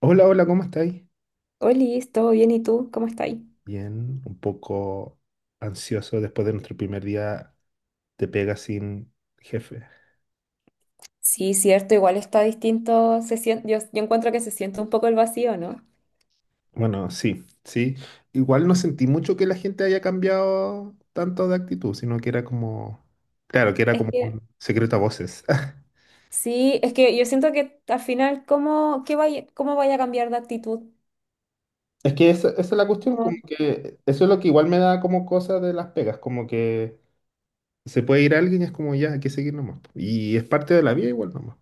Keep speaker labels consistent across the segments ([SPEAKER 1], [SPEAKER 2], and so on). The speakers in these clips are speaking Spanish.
[SPEAKER 1] Hola, hola, ¿cómo estáis?
[SPEAKER 2] Oli, ¿todo bien? ¿Y tú? ¿Cómo estás?
[SPEAKER 1] Bien, un poco ansioso después de nuestro primer día de pega sin jefe.
[SPEAKER 2] Sí, cierto, igual está distinto, yo encuentro que se siente un poco el vacío, ¿no?
[SPEAKER 1] Bueno, sí, sí. Igual no sentí mucho que la gente haya cambiado tanto de actitud, sino que era como, claro, que era
[SPEAKER 2] Es
[SPEAKER 1] como
[SPEAKER 2] que,
[SPEAKER 1] un secreto a voces.
[SPEAKER 2] sí, es que yo siento que al final, ¿cómo vaya a cambiar de actitud?
[SPEAKER 1] Es que esa es la cuestión,
[SPEAKER 2] No.
[SPEAKER 1] como que eso es lo que igual me da como cosa de las pegas, como que se puede ir alguien y es como ya, hay que seguir nomás. Y es parte de la vida igual nomás.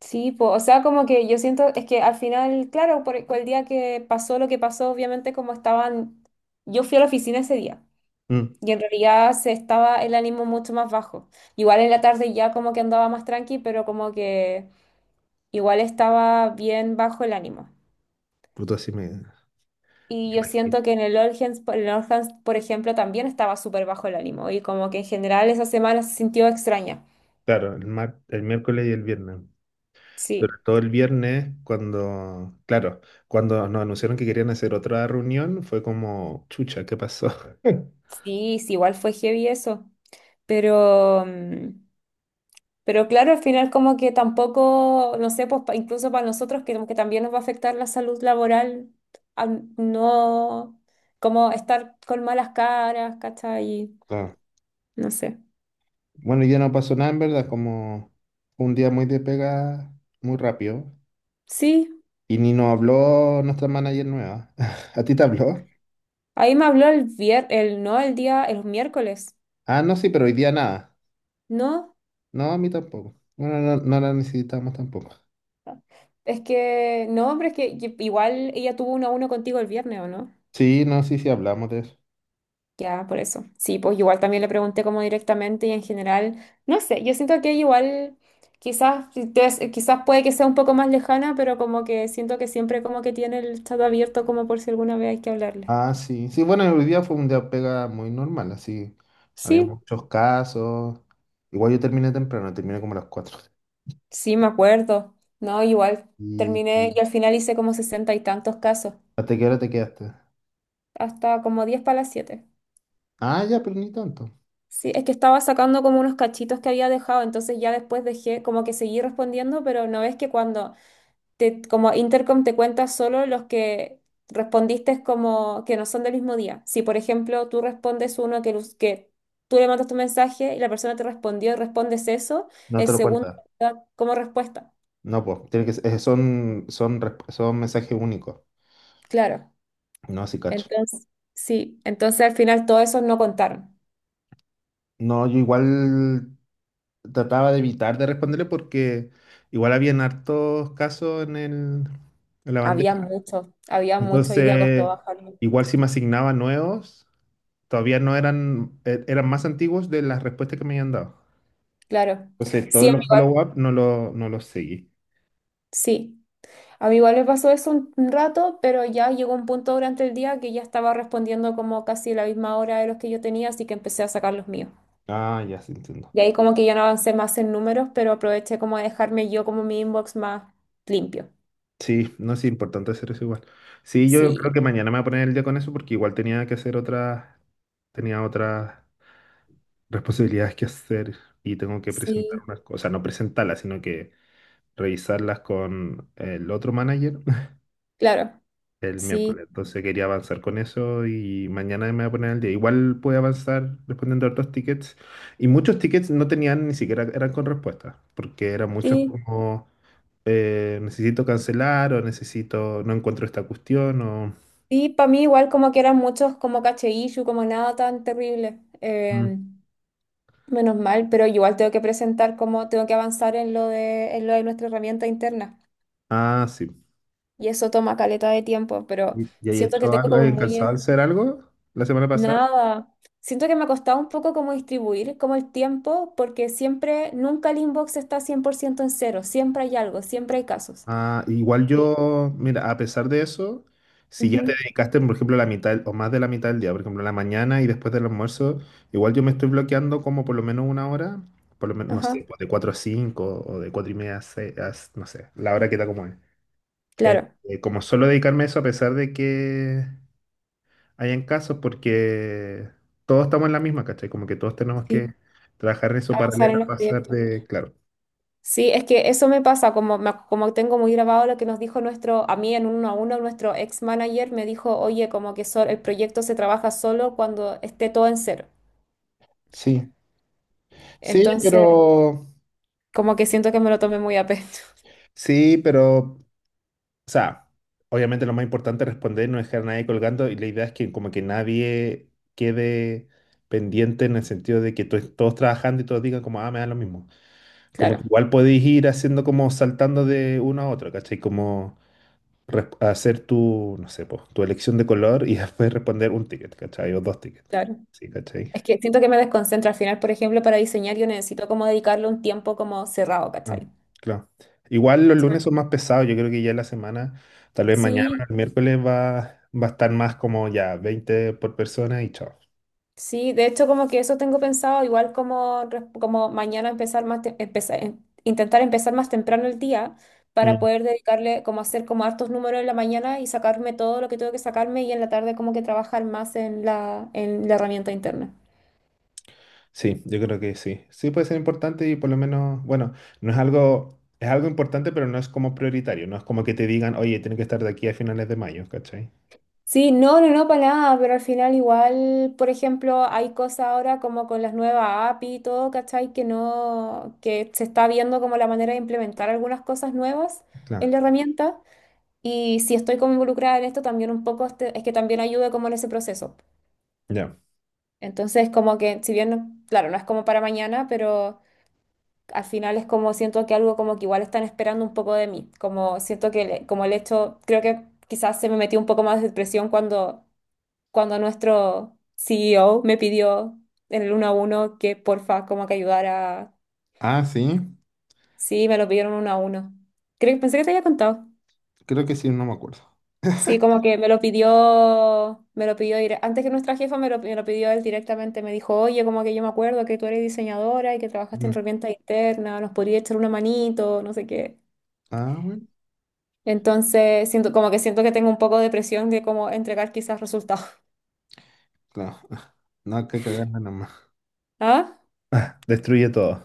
[SPEAKER 2] Sí, po, o sea, como que yo siento, es que al final, claro, por el día que pasó lo que pasó, obviamente como estaban, yo fui a la oficina ese día
[SPEAKER 1] Mm,
[SPEAKER 2] y en realidad se estaba el ánimo mucho más bajo. Igual en la tarde ya como que andaba más tranqui, pero como que igual estaba bien bajo el ánimo.
[SPEAKER 1] puto, así me
[SPEAKER 2] Y yo
[SPEAKER 1] imagino.
[SPEAKER 2] siento que en el All Hands, en el All, por ejemplo, también estaba súper bajo el ánimo y como que en general esa semana se sintió extraña.
[SPEAKER 1] Claro, el miércoles y el viernes. Sobre
[SPEAKER 2] Sí,
[SPEAKER 1] todo el viernes, cuando, claro, cuando nos anunciaron que querían hacer otra reunión, fue como, chucha, ¿qué pasó?
[SPEAKER 2] sí, igual fue heavy eso. Pero, pero claro, al final como que tampoco, no sé, pues incluso para nosotros que como que también nos va a afectar la salud laboral, al no, como estar con malas caras, ¿cachai?
[SPEAKER 1] Claro.
[SPEAKER 2] No sé.
[SPEAKER 1] Bueno, ya no pasó nada, en verdad, como fue un día muy de pega, muy rápido.
[SPEAKER 2] Sí,
[SPEAKER 1] Y ni nos habló nuestra manager nueva. ¿A ti te habló?
[SPEAKER 2] ahí me habló el vier, el no, el día, el miércoles.
[SPEAKER 1] Ah, no, sí, pero hoy día nada.
[SPEAKER 2] No,
[SPEAKER 1] No, a mí tampoco. Bueno, no, no la necesitamos tampoco.
[SPEAKER 2] es que, no, pero es que igual ella tuvo uno a uno contigo el viernes, ¿o no?
[SPEAKER 1] Sí, no, sí, sí, hablamos de eso.
[SPEAKER 2] Ya, por eso. Sí, pues igual también le pregunté como directamente y en general, no sé, yo siento que igual quizás, si te- quizás puede que sea un poco más lejana, pero como que siento que siempre como que tiene el chat abierto como por si alguna vez hay que hablarle.
[SPEAKER 1] Ah, sí. Sí, bueno, hoy día fue un día pega muy normal, así. Había
[SPEAKER 2] Sí,
[SPEAKER 1] muchos casos. Igual yo terminé temprano, terminé como a las cuatro.
[SPEAKER 2] sí, me acuerdo. No, igual
[SPEAKER 1] ¿Y
[SPEAKER 2] terminé y al final hice como sesenta y tantos casos,
[SPEAKER 1] hasta qué hora te quedaste?
[SPEAKER 2] hasta como diez para las siete.
[SPEAKER 1] Ah, ya, pero ni tanto.
[SPEAKER 2] Sí, es que estaba sacando como unos cachitos que había dejado, entonces ya después dejé, como que seguí respondiendo, pero no es que cuando te, como Intercom te cuenta solo los que respondiste como que no son del mismo día. Si, por ejemplo, tú respondes uno que tú le mandas tu mensaje y la persona te respondió y respondes eso,
[SPEAKER 1] No
[SPEAKER 2] el
[SPEAKER 1] te lo
[SPEAKER 2] segundo
[SPEAKER 1] cuentas.
[SPEAKER 2] da como respuesta.
[SPEAKER 1] No, pues, tiene que son mensajes únicos.
[SPEAKER 2] Claro.
[SPEAKER 1] No, sí, cacho.
[SPEAKER 2] Entonces, sí, entonces al final todos esos no contaron.
[SPEAKER 1] No, yo igual trataba de evitar de responderle porque igual habían hartos casos en en la bandeja.
[SPEAKER 2] Había muchos y día costó
[SPEAKER 1] Entonces,
[SPEAKER 2] bajarlo.
[SPEAKER 1] igual si me asignaban nuevos todavía no eran más antiguos de las respuestas que me habían dado.
[SPEAKER 2] Claro.
[SPEAKER 1] Entonces,
[SPEAKER 2] Sí,
[SPEAKER 1] todos los
[SPEAKER 2] amigo,
[SPEAKER 1] follow-up no los seguí.
[SPEAKER 2] sí. A mí igual me pasó eso un rato, pero ya llegó un punto durante el día que ya estaba respondiendo como casi la misma hora de los que yo tenía, así que empecé a sacar los míos.
[SPEAKER 1] Ah, ya, sí entiendo.
[SPEAKER 2] Y ahí como que ya no avancé más en números, pero aproveché como a dejarme yo como mi inbox más limpio.
[SPEAKER 1] Sí, no es importante hacer eso igual. Sí, yo creo
[SPEAKER 2] Sí,
[SPEAKER 1] que mañana me voy a poner el día con eso porque igual tenía que hacer tenía otras responsabilidades que hacer y tengo que presentar
[SPEAKER 2] sí,
[SPEAKER 1] unas cosas, no presentarlas, sino que revisarlas con el otro manager
[SPEAKER 2] claro,
[SPEAKER 1] el
[SPEAKER 2] sí,
[SPEAKER 1] miércoles. Entonces quería avanzar con eso y mañana me voy a poner al día. Igual pude avanzar respondiendo a otros tickets. Y muchos tickets no tenían ni siquiera, eran con respuesta porque eran muchos
[SPEAKER 2] sí.
[SPEAKER 1] como necesito cancelar o necesito, no encuentro esta cuestión o...
[SPEAKER 2] Y para mí igual como que eran muchos como caché issue, como nada tan terrible.
[SPEAKER 1] Mm.
[SPEAKER 2] Menos mal, pero igual tengo que presentar como tengo que avanzar en en lo de nuestra herramienta interna.
[SPEAKER 1] Ah, sí.
[SPEAKER 2] Y eso toma caleta de tiempo, pero
[SPEAKER 1] Y ahí
[SPEAKER 2] siento que
[SPEAKER 1] hecho
[SPEAKER 2] tengo
[SPEAKER 1] algo?
[SPEAKER 2] como muy
[SPEAKER 1] ¿Alcanzado a
[SPEAKER 2] en
[SPEAKER 1] hacer algo la semana pasada?
[SPEAKER 2] nada. Siento que me ha costado un poco como distribuir como el tiempo, porque siempre, nunca el inbox está 100% en cero, siempre hay algo, siempre hay casos.
[SPEAKER 1] Ah, igual
[SPEAKER 2] Y-
[SPEAKER 1] yo, mira, a pesar de eso, si ya te
[SPEAKER 2] ujú,
[SPEAKER 1] dedicaste, por ejemplo, la mitad o más de la mitad del día, por ejemplo, en la mañana y después del almuerzo, igual yo me estoy bloqueando como por lo menos una hora, por lo menos, no
[SPEAKER 2] ajá,
[SPEAKER 1] sé, pues, de 4 a 5 o de 4 y media a 6, no sé, la hora que está como es. Eh,
[SPEAKER 2] claro,
[SPEAKER 1] como solo dedicarme a eso a pesar de que hayan casos, porque todos estamos en la misma, ¿cachai? Como que todos tenemos que
[SPEAKER 2] sí.
[SPEAKER 1] trabajar en eso
[SPEAKER 2] Avanzar
[SPEAKER 1] paralelo
[SPEAKER 2] en
[SPEAKER 1] a
[SPEAKER 2] los
[SPEAKER 1] pasar
[SPEAKER 2] proyectos.
[SPEAKER 1] de, claro.
[SPEAKER 2] Sí, es que eso me pasa, como, como tengo muy grabado lo que nos dijo nuestro, a mí en uno a uno, nuestro ex manager me dijo, oye, como que el proyecto se trabaja solo cuando esté todo en cero.
[SPEAKER 1] Sí, sí,
[SPEAKER 2] Entonces,
[SPEAKER 1] pero...
[SPEAKER 2] como que siento que me lo tomé muy a pecho.
[SPEAKER 1] Sí, pero o sea, obviamente lo más importante es responder, no dejar a nadie colgando y la idea es que como que nadie quede pendiente en el sentido de que todos trabajando y todos digan como, ah, me da lo mismo. Como que
[SPEAKER 2] Claro,
[SPEAKER 1] igual podéis ir haciendo como saltando de uno a otro, ¿cachai? Como hacer tu, no sé, pues, tu elección de color y después responder un ticket, ¿cachai? O dos tickets.
[SPEAKER 2] claro.
[SPEAKER 1] Sí, ¿cachai?
[SPEAKER 2] Es que siento que me desconcentra al final, por ejemplo, para diseñar yo necesito como dedicarle un tiempo como cerrado,
[SPEAKER 1] Ah,
[SPEAKER 2] ¿cachai?
[SPEAKER 1] claro. Igual los lunes son más pesados, yo creo que ya la semana... Tal vez mañana,
[SPEAKER 2] Sí,
[SPEAKER 1] el miércoles, va a estar más como ya 20 por persona y chao.
[SPEAKER 2] sí, de hecho como que eso tengo pensado, igual como, como mañana empezar más, empezar, intentar empezar más temprano el día para
[SPEAKER 1] Mm,
[SPEAKER 2] poder dedicarle, como hacer como hartos números en la mañana y sacarme todo lo que tengo que sacarme y en la tarde como que trabajar más en en la herramienta interna.
[SPEAKER 1] sí, yo creo que sí. Sí puede ser importante y por lo menos, bueno, no es algo, es algo importante, pero no es como prioritario. No es como que te digan, oye, tiene que estar de aquí a finales de mayo, ¿cachai?
[SPEAKER 2] Sí, no, no, no, para nada, pero al final igual, por ejemplo, hay cosas ahora como con las nuevas API y todo, ¿cachai? Que no, que se está viendo como la manera de implementar algunas cosas nuevas en
[SPEAKER 1] Claro.
[SPEAKER 2] la herramienta. Y si estoy como involucrada en esto, también un poco es que también ayude como en ese proceso.
[SPEAKER 1] Ya.
[SPEAKER 2] Entonces, como que, si bien, claro, no es como para mañana, pero al final es como siento que algo como que igual están esperando un poco de mí. Como siento que, como el hecho, creo que quizás se me metió un poco más de presión cuando nuestro CEO me pidió en el uno a uno que porfa como que ayudara.
[SPEAKER 1] Ah, sí.
[SPEAKER 2] Sí, me lo pidieron uno a uno. Creo que pensé que te había contado.
[SPEAKER 1] Creo que sí, no me acuerdo.
[SPEAKER 2] Sí, como que me lo pidió antes que nuestra jefa me lo pidió él directamente, me dijo, oye, como que yo me acuerdo que tú eres diseñadora y que trabajaste en
[SPEAKER 1] Mm.
[SPEAKER 2] herramienta interna, nos podrías echar una manito, no sé qué.
[SPEAKER 1] Ah, bueno.
[SPEAKER 2] Entonces, siento como que siento que tengo un poco de presión de como entregar quizás resultados.
[SPEAKER 1] Claro. No hay que cagarla nomás.
[SPEAKER 2] ¿Ah?
[SPEAKER 1] Destruye todo.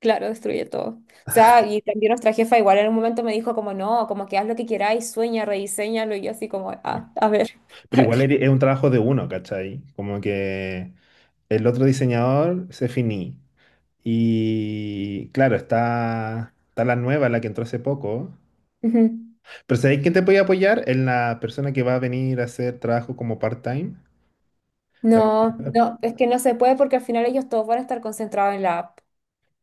[SPEAKER 2] Claro, destruye todo. O sea, y también nuestra jefa igual en un momento me dijo como, no, como que haz lo que queráis, sueña, rediseñalo, y yo así como,
[SPEAKER 1] Ya.
[SPEAKER 2] ah, a ver, a
[SPEAKER 1] Pero
[SPEAKER 2] ver.
[SPEAKER 1] igual es un trabajo de uno, ¿cachai? Como que el otro diseñador se finí. Y claro, está la nueva, la que entró hace poco.
[SPEAKER 2] Ujú.
[SPEAKER 1] Pero ¿sabéis quién te puede apoyar? Es la persona que va a venir a hacer trabajo como part-time. ¿Te
[SPEAKER 2] No,
[SPEAKER 1] acuerdas?
[SPEAKER 2] no, es que no se puede porque al final ellos todos van a estar concentrados en la app.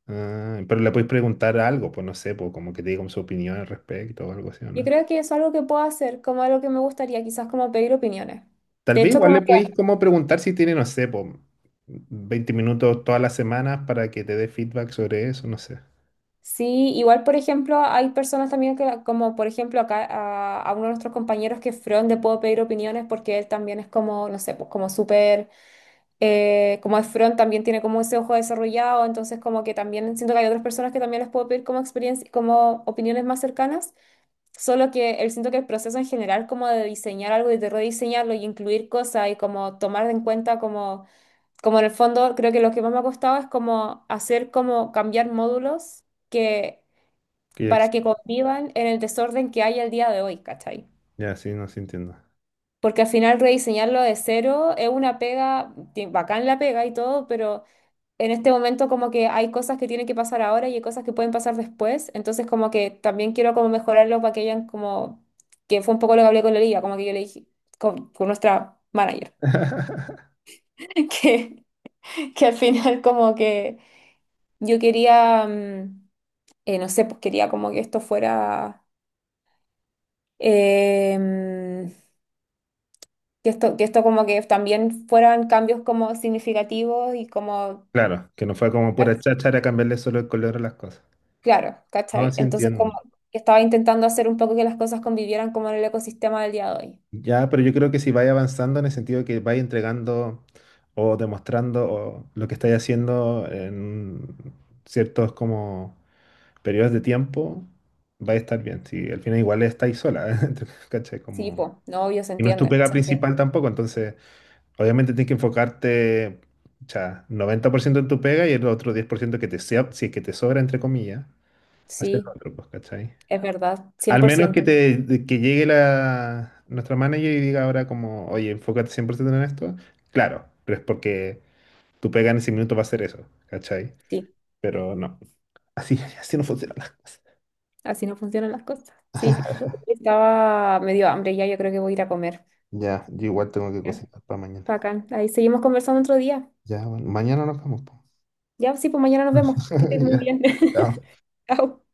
[SPEAKER 1] Ah, pero le podéis preguntar algo, pues no sé, pues como que te diga como su opinión al respecto o algo así, ¿o
[SPEAKER 2] Yo
[SPEAKER 1] no?
[SPEAKER 2] creo que eso es algo que puedo hacer, como algo que me gustaría, quizás como pedir opiniones.
[SPEAKER 1] Tal
[SPEAKER 2] De
[SPEAKER 1] vez
[SPEAKER 2] hecho,
[SPEAKER 1] igual
[SPEAKER 2] como
[SPEAKER 1] le
[SPEAKER 2] que
[SPEAKER 1] podéis como preguntar si tiene, no sé, pues 20 minutos todas las semanas para que te dé feedback sobre eso, no sé.
[SPEAKER 2] sí, igual por ejemplo, hay personas también que, como por ejemplo acá a uno de nuestros compañeros que es Fron, le puedo pedir opiniones porque él también es como, no sé, pues como súper como es front también tiene como ese ojo desarrollado, entonces como que también siento que hay otras personas que también les puedo pedir como experiencia, como opiniones más cercanas, solo que él siento que el proceso en general como de diseñar algo y de rediseñarlo y incluir cosas y como tomar en cuenta como, como en el fondo creo que lo que más me ha costado es como hacer como cambiar módulos que
[SPEAKER 1] Que ya, ex-
[SPEAKER 2] para que convivan en el desorden que hay al día de hoy, ¿cachai?
[SPEAKER 1] ya, sí, no, sí entiendo.
[SPEAKER 2] Porque al final rediseñarlo de cero es una pega, bacán la pega y todo, pero en este momento como que hay cosas que tienen que pasar ahora y hay cosas que pueden pasar después, entonces como que también quiero como mejorarlo para que hayan como, que fue un poco lo que hablé con la liga, como que yo le dije, con nuestra manager, que, que al final como que yo quería, no sé, pues quería como que esto fuera, em, que esto como que también fueran cambios como significativos y como...
[SPEAKER 1] Claro, que no fue como pura cháchara cambiarle solo el color a las cosas.
[SPEAKER 2] Claro,
[SPEAKER 1] No,
[SPEAKER 2] ¿cachai?
[SPEAKER 1] sí
[SPEAKER 2] Entonces,
[SPEAKER 1] entiendo.
[SPEAKER 2] como que estaba intentando hacer un poco que las cosas convivieran como en el ecosistema del día de hoy.
[SPEAKER 1] Ya, pero yo creo que si vais avanzando en el sentido de que vais entregando o demostrando o lo que estáis haciendo en ciertos como periodos de tiempo, va a estar bien. Si al final igual estáis sola, ¿cachai?
[SPEAKER 2] Sí,
[SPEAKER 1] Como...
[SPEAKER 2] po, no, obvio, se
[SPEAKER 1] Y no es tu
[SPEAKER 2] entiende,
[SPEAKER 1] pega
[SPEAKER 2] se entiende.
[SPEAKER 1] principal tampoco, entonces obviamente tienes que enfocarte, ya, 90% en tu pega y el otro 10% que te sea, si es que te sobra, entre comillas, hacer lo
[SPEAKER 2] Sí,
[SPEAKER 1] otro, pues, ¿cachai?
[SPEAKER 2] es verdad, cien
[SPEAKER 1] Al
[SPEAKER 2] por
[SPEAKER 1] menos que
[SPEAKER 2] ciento.
[SPEAKER 1] te que llegue la nuestra manager y diga ahora como, oye, enfócate 100% en esto. Claro, pero es porque tu pega en ese minuto va a ser eso, ¿cachai?
[SPEAKER 2] Sí,
[SPEAKER 1] Pero no. Así, así no funcionan las cosas.
[SPEAKER 2] así no funcionan las cosas, sí. Estaba medio hambre ya, yo creo que voy a ir a comer.
[SPEAKER 1] Ya, yo igual tengo que
[SPEAKER 2] Ya.
[SPEAKER 1] cocinar para mañana.
[SPEAKER 2] Bacán, ahí seguimos conversando otro día.
[SPEAKER 1] Ya, bueno, mañana nos vemos. Po.
[SPEAKER 2] Ya, sí, pues mañana nos vemos. Que estés muy
[SPEAKER 1] Ya.
[SPEAKER 2] bien.
[SPEAKER 1] Chao.
[SPEAKER 2] Chao.